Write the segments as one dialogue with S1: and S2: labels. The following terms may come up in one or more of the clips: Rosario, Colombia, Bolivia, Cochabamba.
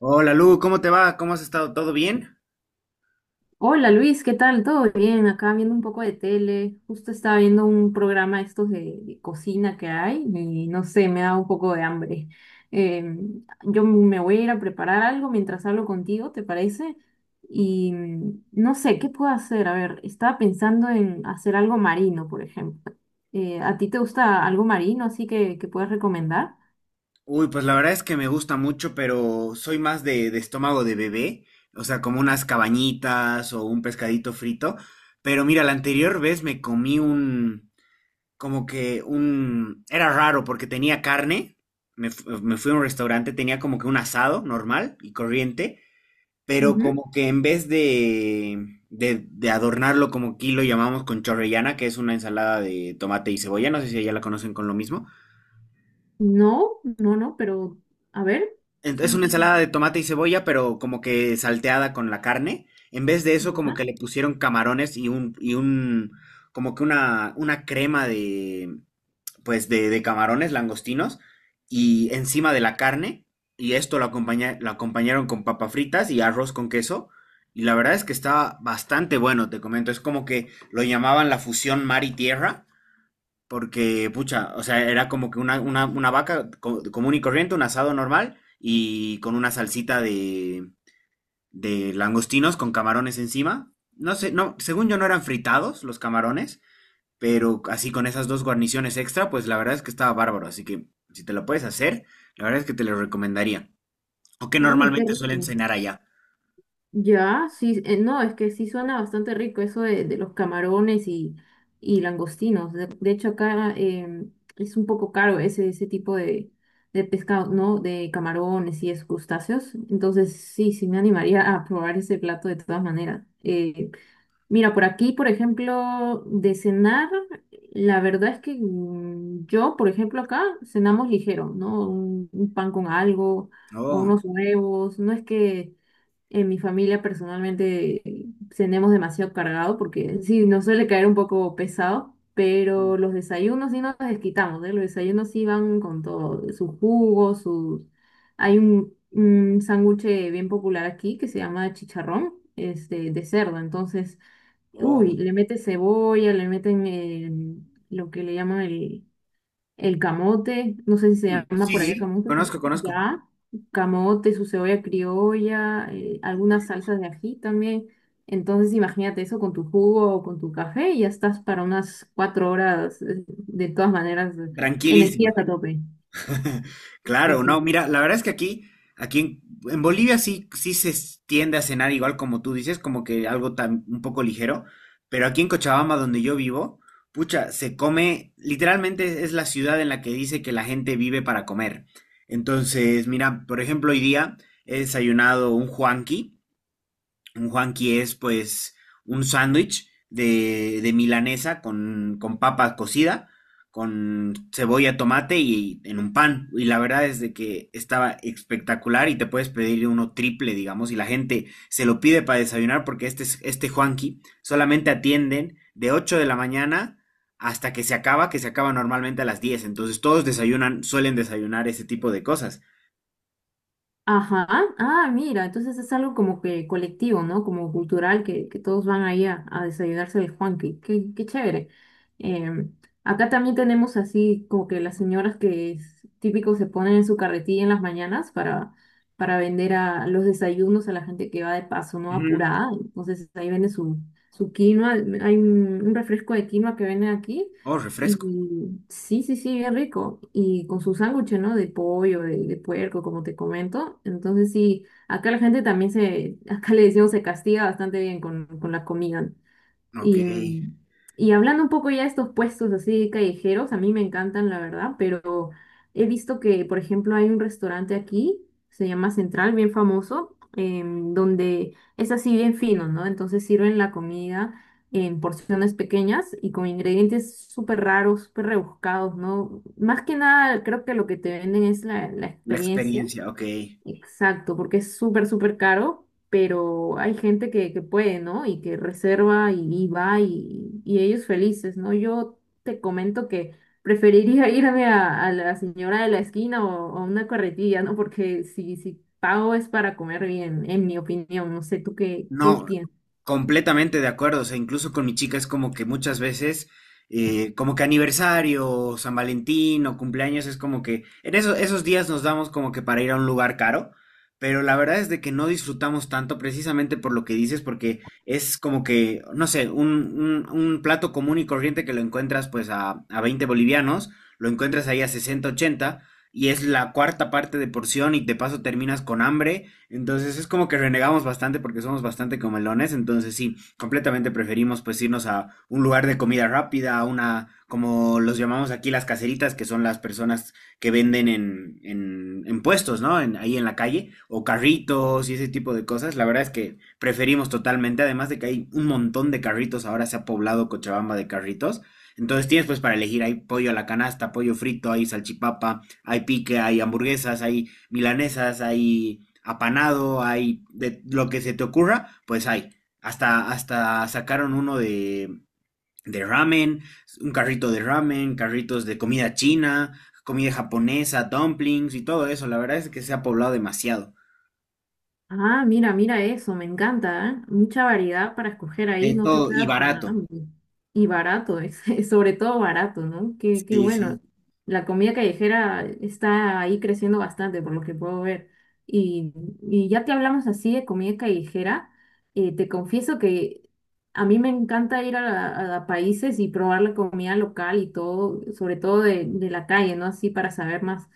S1: Hola Lu, ¿cómo te va? ¿Cómo has estado? ¿Todo bien?
S2: Hola Luis, ¿qué tal? ¿Todo bien? Acá viendo un poco de tele. Justo estaba viendo un programa estos de cocina que hay y no sé, me da un poco de hambre. Yo me voy a ir a preparar algo mientras hablo contigo, ¿te parece? Y no sé, ¿qué puedo hacer? A ver, estaba pensando en hacer algo marino, por ejemplo. ¿A ti te gusta algo marino así que puedas recomendar?
S1: Uy, pues la verdad es que me gusta mucho, pero soy más de estómago de bebé, o sea, como unas cabañitas o un pescadito frito. Pero mira, la anterior vez me comí un, como que un, era raro porque tenía carne, me fui a un restaurante, tenía como que un asado normal y corriente, pero
S2: Ujú.
S1: como que en vez de adornarlo como aquí lo llamamos con chorrellana, que es una ensalada de tomate y cebolla, no sé si allá la conocen con lo mismo.
S2: No, no, no, pero a ver.
S1: Es
S2: Sí,
S1: una
S2: sí.
S1: ensalada de tomate y cebolla, pero como que salteada con la carne. En vez de eso, como
S2: Ya.
S1: que le pusieron camarones como que una crema pues de camarones langostinos y encima de la carne. Y esto lo acompañaron con papas fritas y arroz con queso. Y la verdad es que estaba bastante bueno, te comento. Es como que lo llamaban la fusión mar y tierra. Porque, pucha, o sea, era como que una vaca común y corriente, un asado normal y con una salsita de langostinos con camarones encima. No sé, no, según yo no eran fritados los camarones, pero así con esas dos guarniciones extra, pues la verdad es que estaba bárbaro. Así que si te lo puedes hacer, la verdad es que te lo recomendaría. O que
S2: Uy, qué
S1: normalmente suelen
S2: rico.
S1: cenar allá.
S2: Ya, sí, no, es que sí suena bastante rico eso de los camarones y langostinos. De hecho, acá es un poco caro ese tipo de pescado, ¿no? De camarones y esos crustáceos. Entonces, sí, sí me animaría a probar ese plato de todas maneras. Mira, por aquí, por ejemplo, de cenar, la verdad es que yo, por ejemplo, acá cenamos ligero, ¿no? Un pan con algo o
S1: Oh,
S2: unos huevos, no es que en mi familia personalmente cenemos demasiado cargado porque sí, nos suele caer un poco pesado, pero los desayunos sí nos desquitamos, ¿eh? Los desayunos sí van con todo, su jugo, su... Hay un sándwich bien popular aquí que se llama chicharrón, este, de cerdo, entonces,
S1: oh,
S2: uy, le meten cebolla, le meten lo que le llaman el camote, no sé si se
S1: uy,
S2: llama
S1: sí,
S2: por allá
S1: sí,
S2: camote
S1: conozco,
S2: también,
S1: conozco.
S2: ya, camote, su cebolla criolla, algunas salsas de ají también. Entonces imagínate eso con tu jugo o con tu café y ya estás para unas cuatro horas, de todas maneras, energías
S1: Tranquilísimo.
S2: a tope. Sí,
S1: Claro, no,
S2: sí.
S1: mira, la verdad es que aquí en Bolivia sí, sí se tiende a cenar igual como tú dices, como que algo un poco ligero, pero aquí en Cochabamba, donde yo vivo, pucha, se come, literalmente es la ciudad en la que dice que la gente vive para comer. Entonces, mira, por ejemplo, hoy día he desayunado un huanqui, un Juanqui es pues un sándwich de milanesa con papa cocida, con cebolla, tomate y en un pan. Y la verdad es de que estaba espectacular y te puedes pedir uno triple, digamos, y la gente se lo pide para desayunar porque este Juanqui solamente atienden de 8 de la mañana hasta que se acaba normalmente a las 10. Entonces todos desayunan, suelen desayunar ese tipo de cosas.
S2: Ajá, ah, mira, entonces es algo como que colectivo, ¿no? Como cultural, que todos van ahí a desayunarse de Juanqui, qué, qué chévere. Em, Acá también tenemos así como que las señoras que es típico se ponen en su carretilla en las mañanas para vender a los desayunos a la gente que va de paso, ¿no?
S1: Ujú.
S2: Apurada, entonces ahí vende su, su quinoa, hay un refresco de quinoa que venden aquí
S1: Oh,
S2: y
S1: refresco.
S2: sí, sí, sí, bien rico. Y con su sándwich, ¿no? De pollo, de puerco, como te comento. Entonces sí, acá la gente también se, acá le decimos, se castiga bastante bien con la comida.
S1: Ok.
S2: Y, y hablando un poco ya de estos puestos así callejeros, a mí me encantan, la verdad, pero he visto que, por ejemplo, hay un restaurante aquí, se llama Central, bien famoso, donde es así bien fino, ¿no? Entonces sirven la comida en porciones pequeñas y con ingredientes súper raros, súper rebuscados, ¿no? Más que nada, creo que lo que te venden es la
S1: La
S2: experiencia.
S1: experiencia, ok.
S2: Exacto, porque es súper, súper caro, pero hay gente que puede, ¿no? Y que reserva y va y ellos felices, ¿no? Yo te comento que preferiría irme a la señora de la esquina o a una carretilla, ¿no? Porque si, si pago es para comer bien, en mi opinión. No sé, ¿tú qué, qué
S1: No,
S2: piensas?
S1: completamente de acuerdo. O sea, incluso con mi chica es como que muchas veces, como que aniversario, o San Valentín o cumpleaños, es como que en esos días nos damos como que para ir a un lugar caro, pero la verdad es de que no disfrutamos tanto precisamente por lo que dices, porque es como que, no sé, un plato común y corriente que lo encuentras pues a 20 bolivianos, lo encuentras ahí a 60 80. Y es la cuarta parte de porción y de paso terminas con hambre, entonces es como que renegamos bastante porque somos bastante comelones, entonces sí, completamente preferimos pues irnos a un lugar de comida rápida, a una, como los llamamos aquí las caseritas, que son las personas que venden en, en puestos, ¿no? Ahí en la calle, o carritos y ese tipo de cosas. La verdad es que preferimos totalmente, además de que hay un montón de carritos, ahora se ha poblado Cochabamba de carritos. Entonces tienes pues para elegir, hay pollo a la canasta, pollo frito, hay salchipapa, hay pique, hay hamburguesas, hay milanesas, hay apanado, hay de lo que se te ocurra, pues hay. Hasta sacaron uno de ramen, un carrito de ramen, carritos de comida china, comida japonesa, dumplings y todo eso. La verdad es que se ha poblado demasiado.
S2: Ah, mira, mira eso, me encanta, ¿eh? Mucha variedad para escoger ahí,
S1: De
S2: no te
S1: todo y
S2: quedas con
S1: barato.
S2: hambre. Y barato, es, sobre todo barato, ¿no? Qué, qué
S1: Sí, sí,
S2: bueno. La comida callejera está ahí creciendo bastante, por lo que puedo ver. Y, y ya que hablamos así de comida callejera, te confieso que a mí me encanta ir a, la- a países y probar la comida local y todo, sobre todo de la calle, ¿no? Así para saber más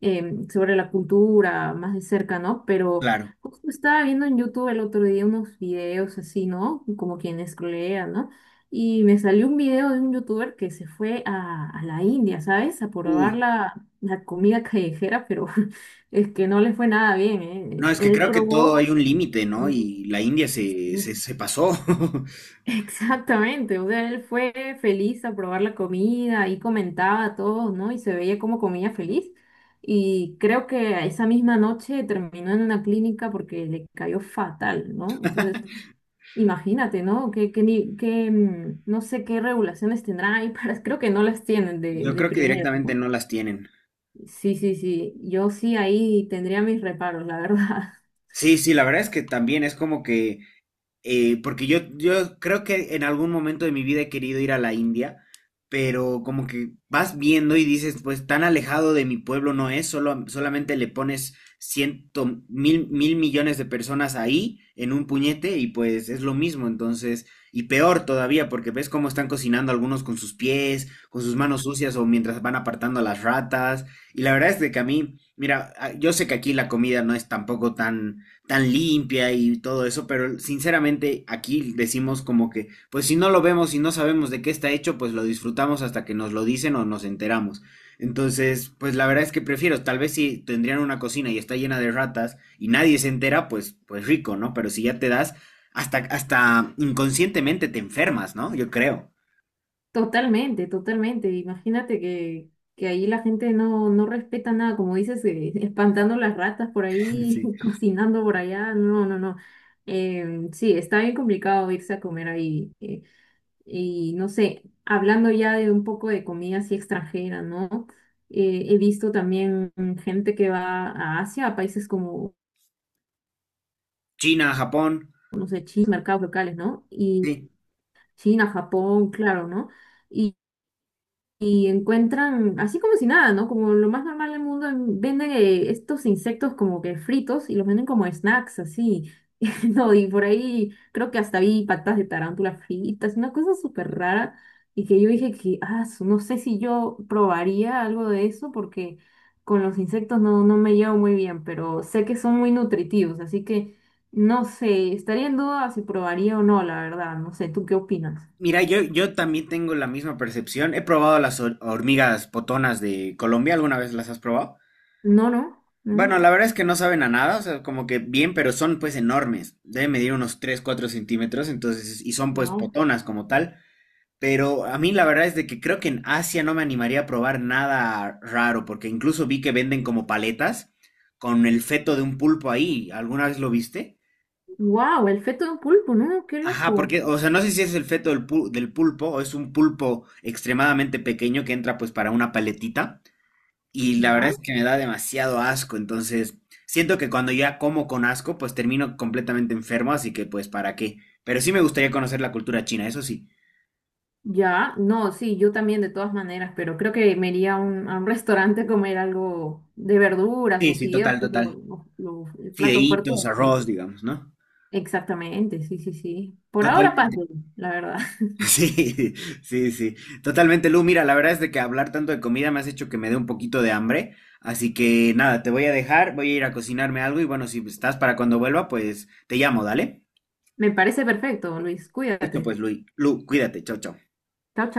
S2: sobre la cultura más de cerca, ¿no? Pero
S1: claro.
S2: justo estaba viendo en YouTube el otro día unos videos así, ¿no? Como quienes crean, ¿no? Y me salió un video de un youtuber que se fue a la India, ¿sabes? A probar
S1: Uy.
S2: la, la comida callejera, pero es que no le fue nada bien,
S1: No,
S2: ¿eh?
S1: es que
S2: Él
S1: creo que todo hay
S2: probó,
S1: un límite, ¿no? Y la India se pasó.
S2: exactamente, o sea, él fue feliz a probar la comida y comentaba a todos, ¿no? Y se veía como comía feliz. Y creo que esa misma noche terminó en una clínica porque le cayó fatal, ¿no? Entonces, imagínate, ¿no? Que, ni- que, no sé qué regulaciones tendrá ahí, para, creo que no las tienen
S1: Yo
S2: de
S1: creo que
S2: primero,
S1: directamente
S2: ¿no?
S1: no las tienen.
S2: Sí, sí, sí, yo sí ahí tendría mis reparos, la verdad.
S1: Sí, sí, la verdad es que también es como que porque yo creo que en algún momento de mi vida he querido ir a la India, pero como que vas viendo y dices, pues tan alejado de mi pueblo no es, solamente le pones mil millones de personas ahí en un puñete y pues es lo mismo, entonces, y peor todavía, porque ves cómo están cocinando algunos con sus pies, con sus manos sucias o mientras van apartando a las ratas, y la verdad es de que a mí, mira, yo sé que aquí la comida no es tampoco tan tan limpia y todo eso, pero sinceramente aquí decimos como que, pues si no lo vemos y no sabemos de qué está hecho, pues lo disfrutamos hasta que nos lo dicen o nos enteramos. Entonces, pues la verdad es que prefiero, tal vez si tendrían una cocina y está llena de ratas y nadie se entera, pues rico, ¿no? Pero si ya te das, hasta inconscientemente te enfermas, ¿no? Yo creo.
S2: Totalmente, totalmente. Imagínate que ahí la gente no, no respeta nada, como dices, espantando las ratas por ahí,
S1: Sí.
S2: cocinando por allá. No, no, no. Sí, está bien complicado irse a comer ahí. Y no sé, hablando ya de un poco de comida así extranjera, ¿no? He visto también gente que va a Asia, a países como,
S1: China, Japón.
S2: no sé, China, mercados locales, ¿no? Y
S1: Sí.
S2: China, Japón, claro, ¿no? Y encuentran, así como si nada, ¿no? Como lo más normal del mundo, en- venden estos insectos como que fritos y los venden como snacks, así. No, y por ahí creo que hasta vi patas de tarántula fritas, una cosa súper rara. Y que yo dije que, ah, su- no sé si yo probaría algo de eso porque con los insectos no, no me llevo muy bien, pero sé que son muy nutritivos, así que no sé, estaría en duda si probaría o no, la verdad, no sé, ¿tú qué opinas?
S1: Mira, yo también tengo la misma percepción. He probado las hormigas potonas de Colombia, ¿alguna vez las has probado?
S2: No, no,
S1: Bueno,
S2: no,
S1: la verdad es que no saben a nada, o sea, como que bien, pero son pues enormes. Deben medir unos 3, 4 centímetros, entonces, y son pues
S2: wow.
S1: potonas como tal. Pero a mí la verdad es de que creo que en Asia no me animaría a probar nada raro, porque incluso vi que venden como paletas con el feto de un pulpo ahí. ¿Alguna vez lo viste?
S2: Wow, el feto de un pulpo, ¿no? Qué
S1: Ajá,
S2: loco.
S1: porque, o sea, no sé si es el feto del pulpo o es un pulpo extremadamente pequeño que entra pues para una paletita. Y la
S2: Ya,
S1: verdad es que me da demasiado asco, entonces siento que cuando ya como con asco, pues termino completamente enfermo, así que pues para qué. Pero sí me gustaría conocer la cultura china, eso sí.
S2: ya. No, sí, yo también de todas maneras, pero creo que me iría a un restaurante a comer algo de verduras
S1: Sí,
S2: o
S1: sí,
S2: fideos,
S1: total,
S2: que es
S1: total.
S2: lo- el plato fuerte
S1: Fideitos,
S2: de
S1: arroz,
S2: ellos.
S1: digamos, ¿no?
S2: Exactamente, sí, sí, sí. Por ahora,
S1: Totalmente.
S2: paso, la verdad.
S1: Sí, sí, sí. Totalmente, Lu. Mira, la verdad es de que hablar tanto de comida me has hecho que me dé un poquito de hambre. Así que nada, te voy a dejar, voy a ir a cocinarme algo y bueno, si estás para cuando vuelva, pues te llamo, dale.
S2: Me parece perfecto, Luis.
S1: Listo,
S2: Cuídate.
S1: pues, Lu. Lu, cuídate. Chao, chao.
S2: Chao,